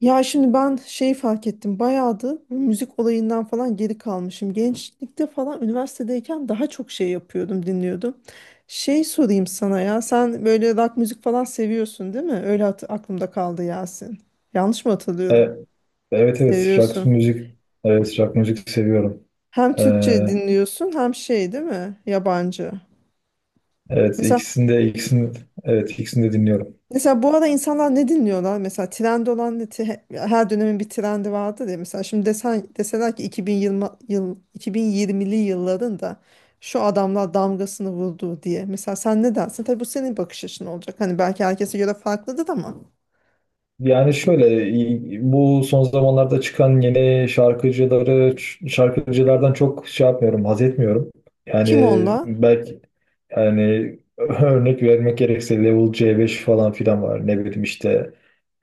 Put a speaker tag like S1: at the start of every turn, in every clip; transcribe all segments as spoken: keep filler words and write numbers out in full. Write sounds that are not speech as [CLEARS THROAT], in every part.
S1: Ya şimdi ben şey fark ettim. Bayağıdır bu müzik olayından falan geri kalmışım. Gençlikte falan üniversitedeyken daha çok şey yapıyordum, dinliyordum. Şey sorayım sana ya. Sen böyle rock müzik falan seviyorsun, değil mi? Öyle hat- aklımda kaldı Yasin. Yanlış mı
S2: E,
S1: hatırlıyorum?
S2: evet, evet, rock
S1: Seviyorsun.
S2: müzik, evet rock müzik seviyorum.
S1: Hem
S2: E,
S1: Türkçe dinliyorsun hem şey değil mi? Yabancı.
S2: evet,
S1: Mesela
S2: ikisini de ikisini evet, ikisini de dinliyorum.
S1: Mesela bu ara insanlar ne dinliyorlar? Mesela trend olan ne? Te- Her dönemin bir trendi vardır ya. Mesela şimdi desen, deseler ki iki bin yirmi yıl iki bin yirmili yılların da şu adamlar damgasını vurdu diye. Mesela sen ne dersin? Tabii bu senin bakış açın olacak. Hani belki herkese göre farklıdır ama.
S2: Yani şöyle, bu son zamanlarda çıkan yeni şarkıcıları şarkıcılardan çok şey yapmıyorum, haz etmiyorum. Yani
S1: Kim onlar?
S2: belki, yani [LAUGHS] örnek vermek gerekirse Level C beş falan filan var. Ne bileyim işte,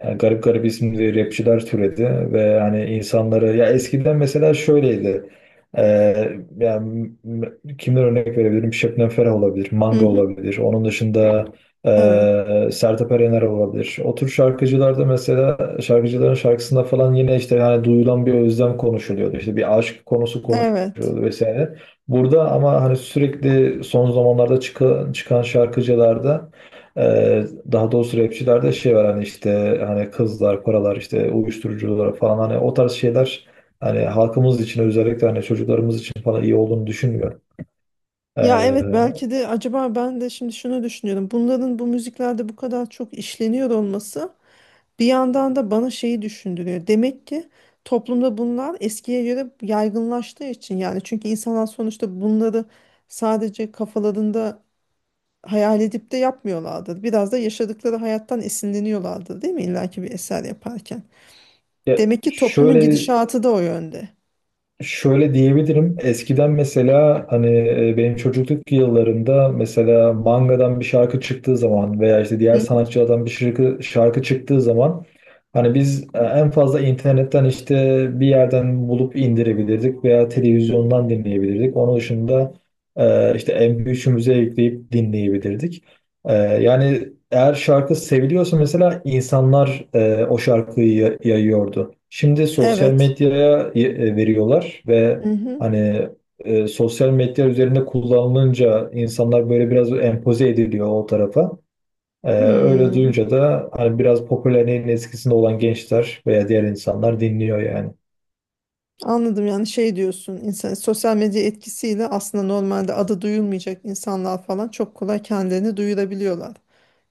S2: yani garip garip isimli rapçiler türedi ve hani insanları, ya eskiden mesela şöyleydi. Ee, yani, m- kimden örnek verebilirim? Şebnem Ferah olabilir,
S1: Hı
S2: Manga
S1: hı.
S2: olabilir. Onun dışında
S1: Evet.
S2: ee, Sertab Erener olabilir. O tür şarkıcılarda mesela, şarkıcıların şarkısında falan yine işte, yani duyulan bir özlem konuşuluyordu. İşte bir aşk konusu
S1: Evet.
S2: konuşuluyordu vesaire. Burada ama hani, sürekli son zamanlarda çıkan, çıkan şarkıcılarda, e, daha doğrusu rapçilerde şey var hani, işte hani kızlar, paralar, işte uyuşturucular falan, hani o tarz şeyler, hani halkımız için, özellikle hani çocuklarımız için falan iyi olduğunu düşünmüyorum.
S1: Ya
S2: Ee,
S1: evet, belki de acaba ben de şimdi şunu düşünüyorum. Bunların bu müziklerde bu kadar çok işleniyor olması bir yandan da bana şeyi düşündürüyor. Demek ki toplumda bunlar eskiye göre yaygınlaştığı için, yani çünkü insanlar sonuçta bunları sadece kafalarında hayal edip de yapmıyorlardır. Biraz da yaşadıkları hayattan esinleniyorlardır, değil mi? İlla ki bir eser yaparken.
S2: ya
S1: Demek ki toplumun
S2: şöyle
S1: gidişatı da o yönde.
S2: Şöyle diyebilirim. Eskiden mesela hani, e, benim çocukluk yıllarında, mesela mangadan bir şarkı çıktığı zaman veya işte diğer
S1: Hı,
S2: sanatçılardan bir şarkı, şarkı çıktığı zaman, hani biz e, en fazla internetten, işte bir yerden bulup indirebilirdik veya televizyondan dinleyebilirdik. Onun dışında, e, işte M P üçümüze yükleyip dinleyebilirdik. E, Yani eğer şarkı seviliyorsa, mesela insanlar e, o şarkıyı ya- yayıyordu. Şimdi sosyal
S1: evet.
S2: medyaya y- e, veriyorlar
S1: Hı
S2: ve
S1: hı.
S2: hani, e, sosyal medya üzerinde kullanılınca, insanlar böyle biraz empoze ediliyor o tarafa. Ee, öyle
S1: Hmm.
S2: duyunca da hani biraz popülerliğin eskisinde olan gençler veya diğer insanlar dinliyor yani.
S1: Anladım, yani şey diyorsun insan sosyal medya etkisiyle aslında normalde adı duyulmayacak insanlar falan çok kolay kendilerini duyurabiliyorlar.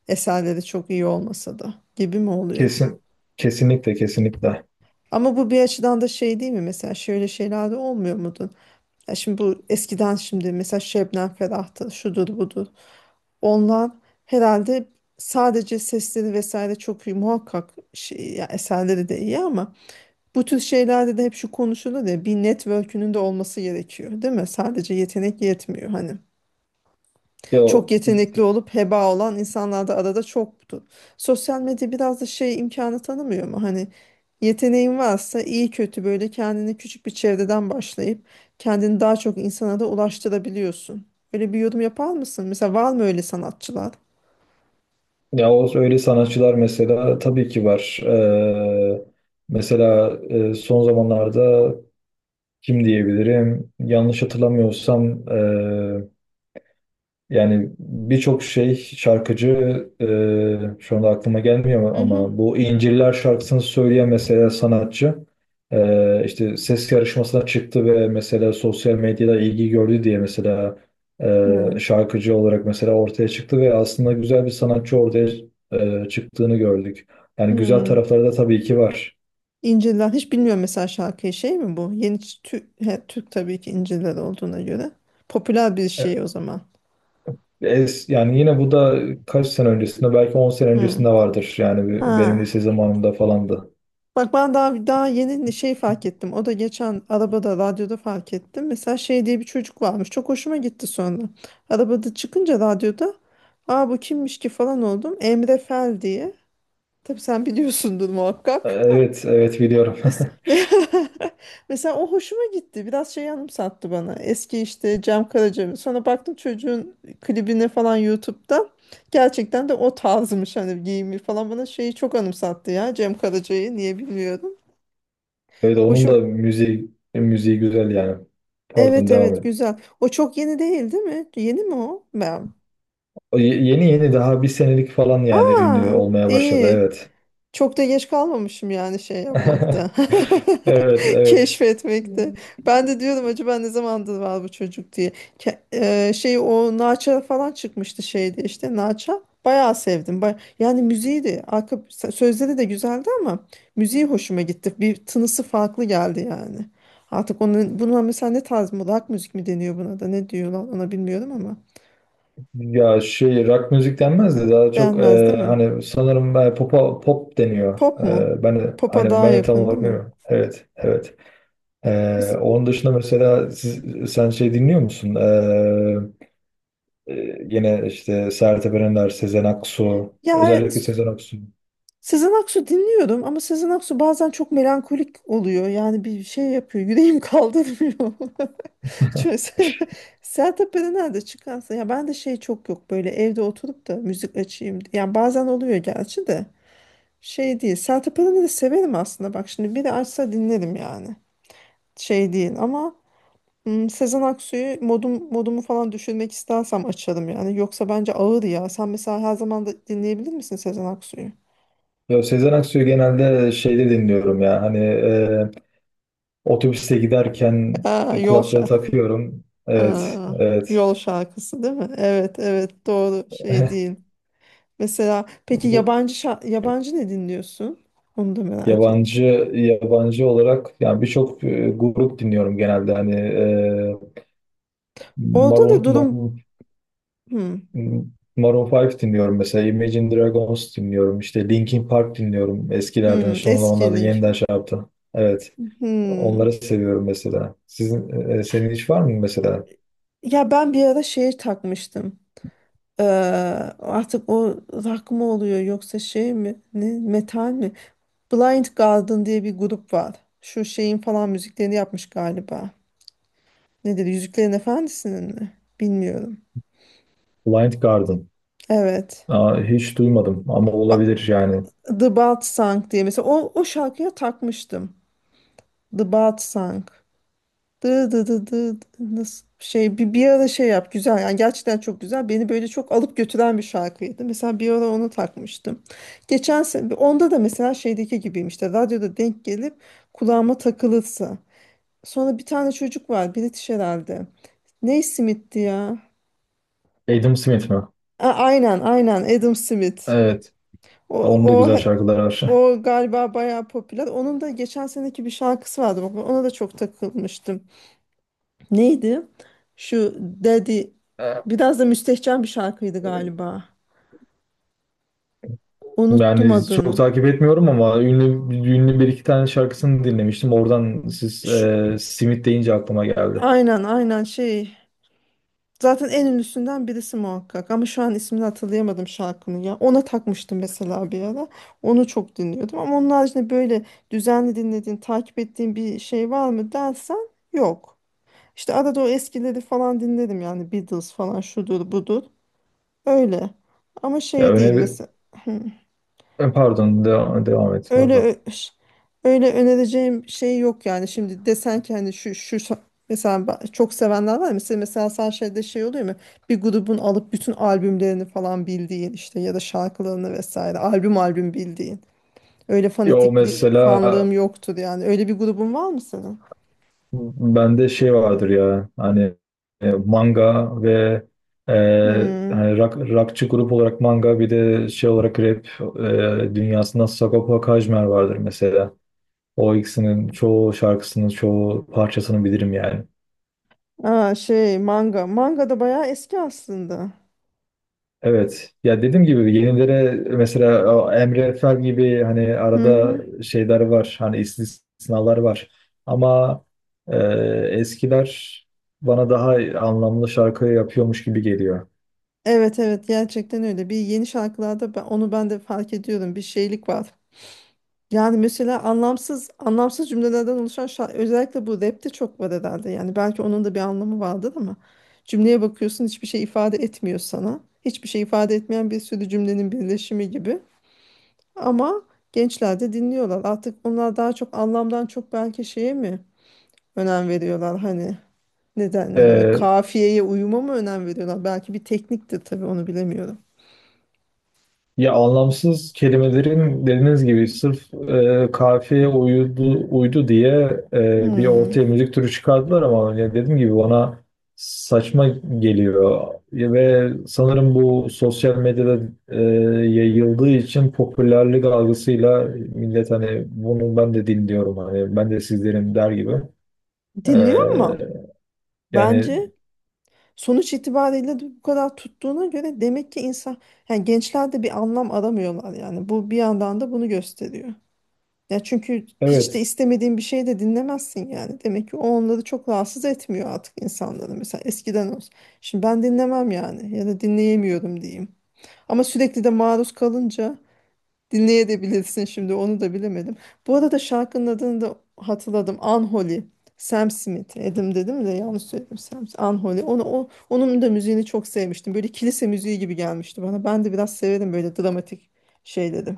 S1: Eserleri çok iyi olmasa da gibi mi oluyor?
S2: Kesin, kesinlikle, kesinlikle.
S1: Ama bu bir açıdan da şey değil mi? Mesela şöyle şeyler de olmuyor mudur? Ya şimdi bu eskiden şimdi mesela Şebnem Ferah'tır, şudur budur. Onlar herhalde sadece sesleri vesaire çok iyi muhakkak şey, ya eserleri de iyi ama bu tür şeylerde de hep şu konuşulur ya, bir network'ünün de olması gerekiyor, değil mi? Sadece yetenek yetmiyor hani.
S2: Ya
S1: Çok yetenekli olup heba olan insanlar da arada çoktu. Sosyal medya biraz da şey imkanı tanımıyor mu? Hani yeteneğin varsa iyi kötü böyle kendini küçük bir çevreden başlayıp kendini daha çok insana da ulaştırabiliyorsun. Öyle bir yorum yapar mısın? Mesela var mı öyle sanatçılar?
S2: Ya o öyle sanatçılar mesela tabii ki var. Ee, mesela e, son zamanlarda kim diyebilirim? Yanlış hatırlamıyorsam, e, yani birçok şey şarkıcı, e, şu anda aklıma gelmiyor
S1: Hı hı.
S2: ama bu İnciller şarkısını söyleyen mesela sanatçı, e, işte ses yarışmasına çıktı ve mesela sosyal medyada ilgi gördü diye, mesela e,
S1: Hı.
S2: şarkıcı olarak mesela ortaya çıktı ve aslında güzel bir sanatçı ortaya e, çıktığını gördük. Yani güzel
S1: Hmm.
S2: tarafları da tabii ki var.
S1: İncirler hiç bilmiyorum, mesela şarkıyı şey mi bu? Yeni Türk, Türk tabii ki İncirler olduğuna göre. Popüler bir şey o zaman.
S2: Es, yani yine bu da, kaç sene öncesinde, belki on sene
S1: Hı.
S2: öncesinde vardır. Yani benim lise
S1: Ha.
S2: zamanımda falandı.
S1: Bak ben daha daha yeni şey fark ettim. O da geçen arabada radyoda fark ettim. Mesela şey diye bir çocuk varmış. Çok hoşuma gitti sonra. Arabada çıkınca radyoda, aa bu kimmiş ki falan oldum. Emre Fel diye. Tabii sen biliyorsundur
S2: E,
S1: muhakkak.
S2: Evet, evet biliyorum.
S1: [LAUGHS] Mes- [LAUGHS] Mesela o hoşuma gitti. Biraz şey anımsattı bana. Eski
S2: [LAUGHS]
S1: işte Cem Karaca. Sonra baktım çocuğun klibine falan YouTube'da. Gerçekten de o tarzmış, hani giyimi falan bana şeyi çok anımsattı ya, Cem Karaca'yı niye bilmiyorum.
S2: Evet, onun da
S1: Hoşum
S2: müziği müziği güzel yani. Pardon,
S1: Evet
S2: devam
S1: evet,
S2: edin.
S1: güzel. O çok yeni değil, değil mi? Yeni mi o? Ben.
S2: O ye- yeni yeni, daha bir senelik falan, yani ünlü
S1: Aa,
S2: olmaya başladı,
S1: iyi.
S2: evet.
S1: Çok da geç kalmamışım yani şey
S2: [LAUGHS]
S1: yapmakta.
S2: Evet,
S1: [LAUGHS]
S2: evet.
S1: Keşfetmekte. Ben de diyordum acaba ne zamandır var bu çocuk diye. Ke- e, şey O Naça falan çıkmıştı şeydi işte Naça. Bayağı sevdim. Ba- yani müziği de arka s- sözleri de güzeldi ama müziği hoşuma gitti. Bir tınısı farklı geldi yani. Artık onun buna mesela ne tarz mı, rock müzik mi deniyor buna, da ne diyorlar ona bilmiyorum ama
S2: Ya, şey, rock müzik denmez de daha çok,
S1: beğenmez
S2: e,
S1: değil mi?
S2: hani sanırım, e, pop pop deniyor.
S1: Pop mu?
S2: E, ben de
S1: Pop'a
S2: hani,
S1: daha
S2: ben de tam
S1: yakın
S2: olarak
S1: değil mi?
S2: bilmiyorum. Evet, evet. Ee,
S1: Mes-
S2: onun dışında mesela, siz, sen şey dinliyor musun? Ee, e, gene işte Sertab Erener, Sezen Aksu,
S1: Ya
S2: özellikle Sezen Aksu.
S1: Sezen Aksu dinliyorum ama Sezen Aksu bazen çok melankolik oluyor. Yani bir şey yapıyor. Yüreğim [LAUGHS] kaldırmıyor. [LAUGHS] Çünkü Se- Sertab Erener de çıkarsa ya, ben de şey çok yok böyle evde oturup da müzik açayım. Yani bazen oluyor gerçi de şey değil. Sertab Erener'i severim aslında. Bak şimdi biri açsa dinlerim yani. Şey değil ama hmm, Sezen Aksu'yu modum modumu falan düşürmek istersem açarım yani. Yoksa bence ağır ya. Sen mesela her zaman da dinleyebilir misin Sezen Aksu'yu?
S2: Ya Sezen Aksu'yu genelde şeyde dinliyorum ya. Hani, e, otobüste
S1: [LAUGHS]
S2: giderken
S1: Aa, yol
S2: kulaklığı
S1: şarkı.
S2: takıyorum. Evet,
S1: Aa,
S2: evet.
S1: yol şarkısı değil mi? Evet evet, doğru şey
S2: [LAUGHS]
S1: değil. Mesela peki yabancı şa- yabancı ne dinliyorsun? Onu da merak ettim.
S2: Yabancı yabancı olarak, yani birçok e, grup dinliyorum genelde. Hani, e,
S1: Orada
S2: Maroon,
S1: da durum hmm,
S2: M- Maroon beş dinliyorum mesela. Imagine Dragons dinliyorum. İşte Linkin Park dinliyorum. Eskilerden
S1: hmm,
S2: son
S1: eski
S2: zamanlarda yeniden
S1: Linkin.
S2: şey yaptı. Evet.
S1: Hmm.
S2: Onları seviyorum mesela. Sizin, e, e, senin hiç var mı mesela?
S1: Ya ben bir ara şeye takmıştım. Ee, Artık o rock mı oluyor yoksa şey mi? Ne, metal mi? Blind Guardian diye bir grup var. Şu şeyin falan müziklerini yapmış galiba. Ne dedi? Yüzüklerin Efendisi'nin mi? Bilmiyorum.
S2: Blind Garden.
S1: Evet.
S2: Aa, hiç duymadım ama
S1: Ba-
S2: olabilir yani.
S1: The Bat Sang diye mesela o, o şarkıya takmıştım. The Bat Sang. Dı dı dı dı dı- Nasıl şey bir, bir ara şey yap güzel yani, gerçekten çok güzel, beni böyle çok alıp götüren bir şarkıydı. Mesela bir ara onu takmıştım geçen sene. Onda da mesela şeydeki gibiyim, işte radyoda denk gelip kulağıma takılırsa. Sonra bir tane çocuk var, British herhalde, ne Smith'ti ya.
S2: Adam Smith mi?
S1: A- aynen aynen Adam Smith.
S2: Evet.
S1: o,
S2: Onun da
S1: o
S2: güzel şarkıları var.
S1: O galiba bayağı popüler. Onun da geçen seneki bir şarkısı vardı. Bak, ona da çok takılmıştım. Neydi? Şu Daddy.
S2: [LAUGHS]
S1: Biraz da müstehcen bir şarkıydı galiba. Unuttum
S2: Yani çok
S1: adını.
S2: takip etmiyorum ama ünlü ünlü bir iki tane şarkısını dinlemiştim. Oradan siz,
S1: Şu,
S2: e, simit deyince aklıma geldi.
S1: aynen aynen şey. Zaten en ünlüsünden birisi muhakkak. Ama şu an ismini hatırlayamadım şarkının ya. Ona takmıştım mesela bir ara. Onu çok dinliyordum. Ama onun haricinde böyle düzenli dinlediğin, takip ettiğin bir şey var mı dersen, yok. İşte arada o eskileri falan dinledim yani, Beatles falan şudur budur. Öyle. Ama
S2: Ya
S1: şey değil
S2: öne
S1: mesela.
S2: Pardon, devam, devam
S1: [CLEARS THROAT]
S2: et
S1: öyle
S2: pardon.
S1: ö- ş- Öyle önereceğim şey yok. Yani şimdi desen ki hani şu şu şa- mesela ba- çok sevenler var ya, mesela mesela sen şeyde şey oluyor mu, bir grubun alıp bütün albümlerini falan bildiğin, işte ya da şarkılarını vesaire albüm albüm bildiğin, öyle
S2: Ya o
S1: fanatikli
S2: mesela,
S1: fanlığım yoktur yani. Öyle bir grubun var mı senin?
S2: Bende şey vardır ya hani, e, manga ve, e,
S1: Hmm.
S2: hani rock, rockçı grup olarak manga, bir de şey olarak rap, e, dünyasında Sagopa Kajmer vardır mesela. O ikisinin çoğu şarkısının, çoğu parçasını bilirim yani.
S1: Aa, şey manga manga da bayağı eski aslında.
S2: Evet. Ya dediğim gibi, yenilere mesela o Emre Fel gibi hani
S1: Hı
S2: arada
S1: hı.
S2: şeyler var. Hani istisnalar var. Ama, e, eskiler bana daha anlamlı şarkı yapıyormuş gibi geliyor.
S1: Evet evet, gerçekten öyle. Bir, yeni şarkılarda ben, onu ben de fark ediyorum. Bir şeylik var. Yani mesela anlamsız anlamsız cümlelerden oluşan şarkı özellikle bu rapte çok var herhalde. Yani belki onun da bir anlamı vardır ama cümleye bakıyorsun hiçbir şey ifade etmiyor sana. Hiçbir şey ifade etmeyen bir sürü cümlenin birleşimi gibi. Ama gençler de dinliyorlar. Artık onlar daha çok anlamdan çok belki şeye mi önem veriyorlar, hani ne denir ona?
S2: E,
S1: Kafiyeye uyuma mı önem veriyorlar? Belki bir tekniktir tabii, onu bilemiyorum.
S2: Ya, anlamsız kelimelerin dediğiniz gibi sırf, e, kafiyeye uydu, uydu diye, e, bir
S1: Hmm.
S2: ortaya müzik türü çıkardılar ama ya, dediğim gibi bana saçma geliyor. Ya ve sanırım bu sosyal medyada e, yayıldığı için, popülerlik algısıyla millet hani, bunu ben de dinliyorum hani, ben de sizlerin der gibi. E,
S1: Dinliyor ama
S2: Yani,
S1: bence sonuç itibariyle de bu kadar tuttuğuna göre demek ki insan, yani gençler de bir anlam aramıyorlar, yani bu bir yandan da bunu gösteriyor. Ya çünkü hiç de
S2: evet.
S1: istemediğin bir şey de dinlemezsin yani. Demek ki o onları çok rahatsız etmiyor artık, insanları. Mesela eskiden olsun. Şimdi ben dinlemem yani, ya da dinleyemiyorum diyeyim. Ama sürekli de maruz kalınca dinleyebilirsin, şimdi onu da bilemedim. Bu arada şarkının adını da hatırladım. Unholy. Sam Smith. Edim dedim de yanlış söyledim. Sam Unholy. Onu, o, onun da müziğini çok sevmiştim. Böyle kilise müziği gibi gelmişti bana. Ben de biraz severim böyle dramatik şeyleri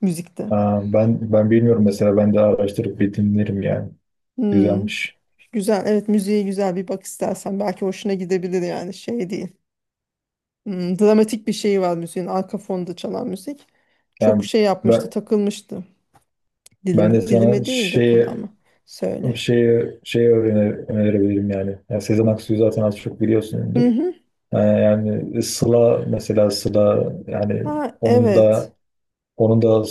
S1: müzikte.
S2: Ha, ben ben bilmiyorum, mesela ben de araştırıp bir dinlerim yani,
S1: Hmm.
S2: güzelmiş.
S1: Güzel. Evet, müziğe güzel bir bak istersen. Belki hoşuna gidebilir yani şey değil. Hmm, dramatik bir şeyi var müziğin. Arka fonda çalan müzik. Çok
S2: Yani
S1: şey yapmıştı,
S2: ben,
S1: takılmıştı
S2: Ben de
S1: dilime.
S2: sana
S1: Dilime değil de
S2: şeye
S1: kulağıma. Söyle.
S2: şeye şeye öğrene- önerebilirim yani. Yani Sezen Aksu'yu zaten az çok biliyorsundur.
S1: Hı hı.
S2: Ee, yani Sıla, mesela Sıla, yani
S1: Ha
S2: onun da
S1: evet.
S2: onun da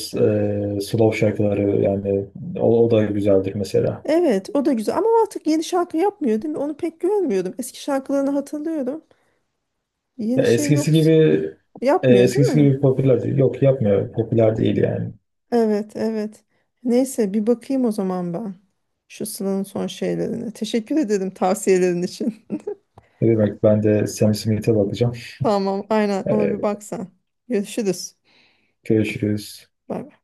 S2: e, slow şarkıları yani, o, o da güzeldir mesela.
S1: Evet o da güzel ama artık yeni şarkı yapmıyor değil mi? Onu pek görmüyordum. Eski şarkılarını hatırlıyorum.
S2: Ya
S1: Yeni şey yok.
S2: eskisi gibi e,
S1: Yapmıyor değil
S2: eskisi
S1: mi?
S2: gibi popüler değil. Yok, yapmıyor. Popüler değil yani.
S1: Evet evet. Neyse bir bakayım o zaman ben. Şu Sıla'nın son şeylerine. Teşekkür ederim tavsiyelerin için.
S2: Ne demek, ben de Sam Smith'e bakacağım.
S1: [LAUGHS] Tamam aynen, ona bir
S2: Ee,
S1: baksan. Görüşürüz.
S2: Görüşürüz.
S1: Bye.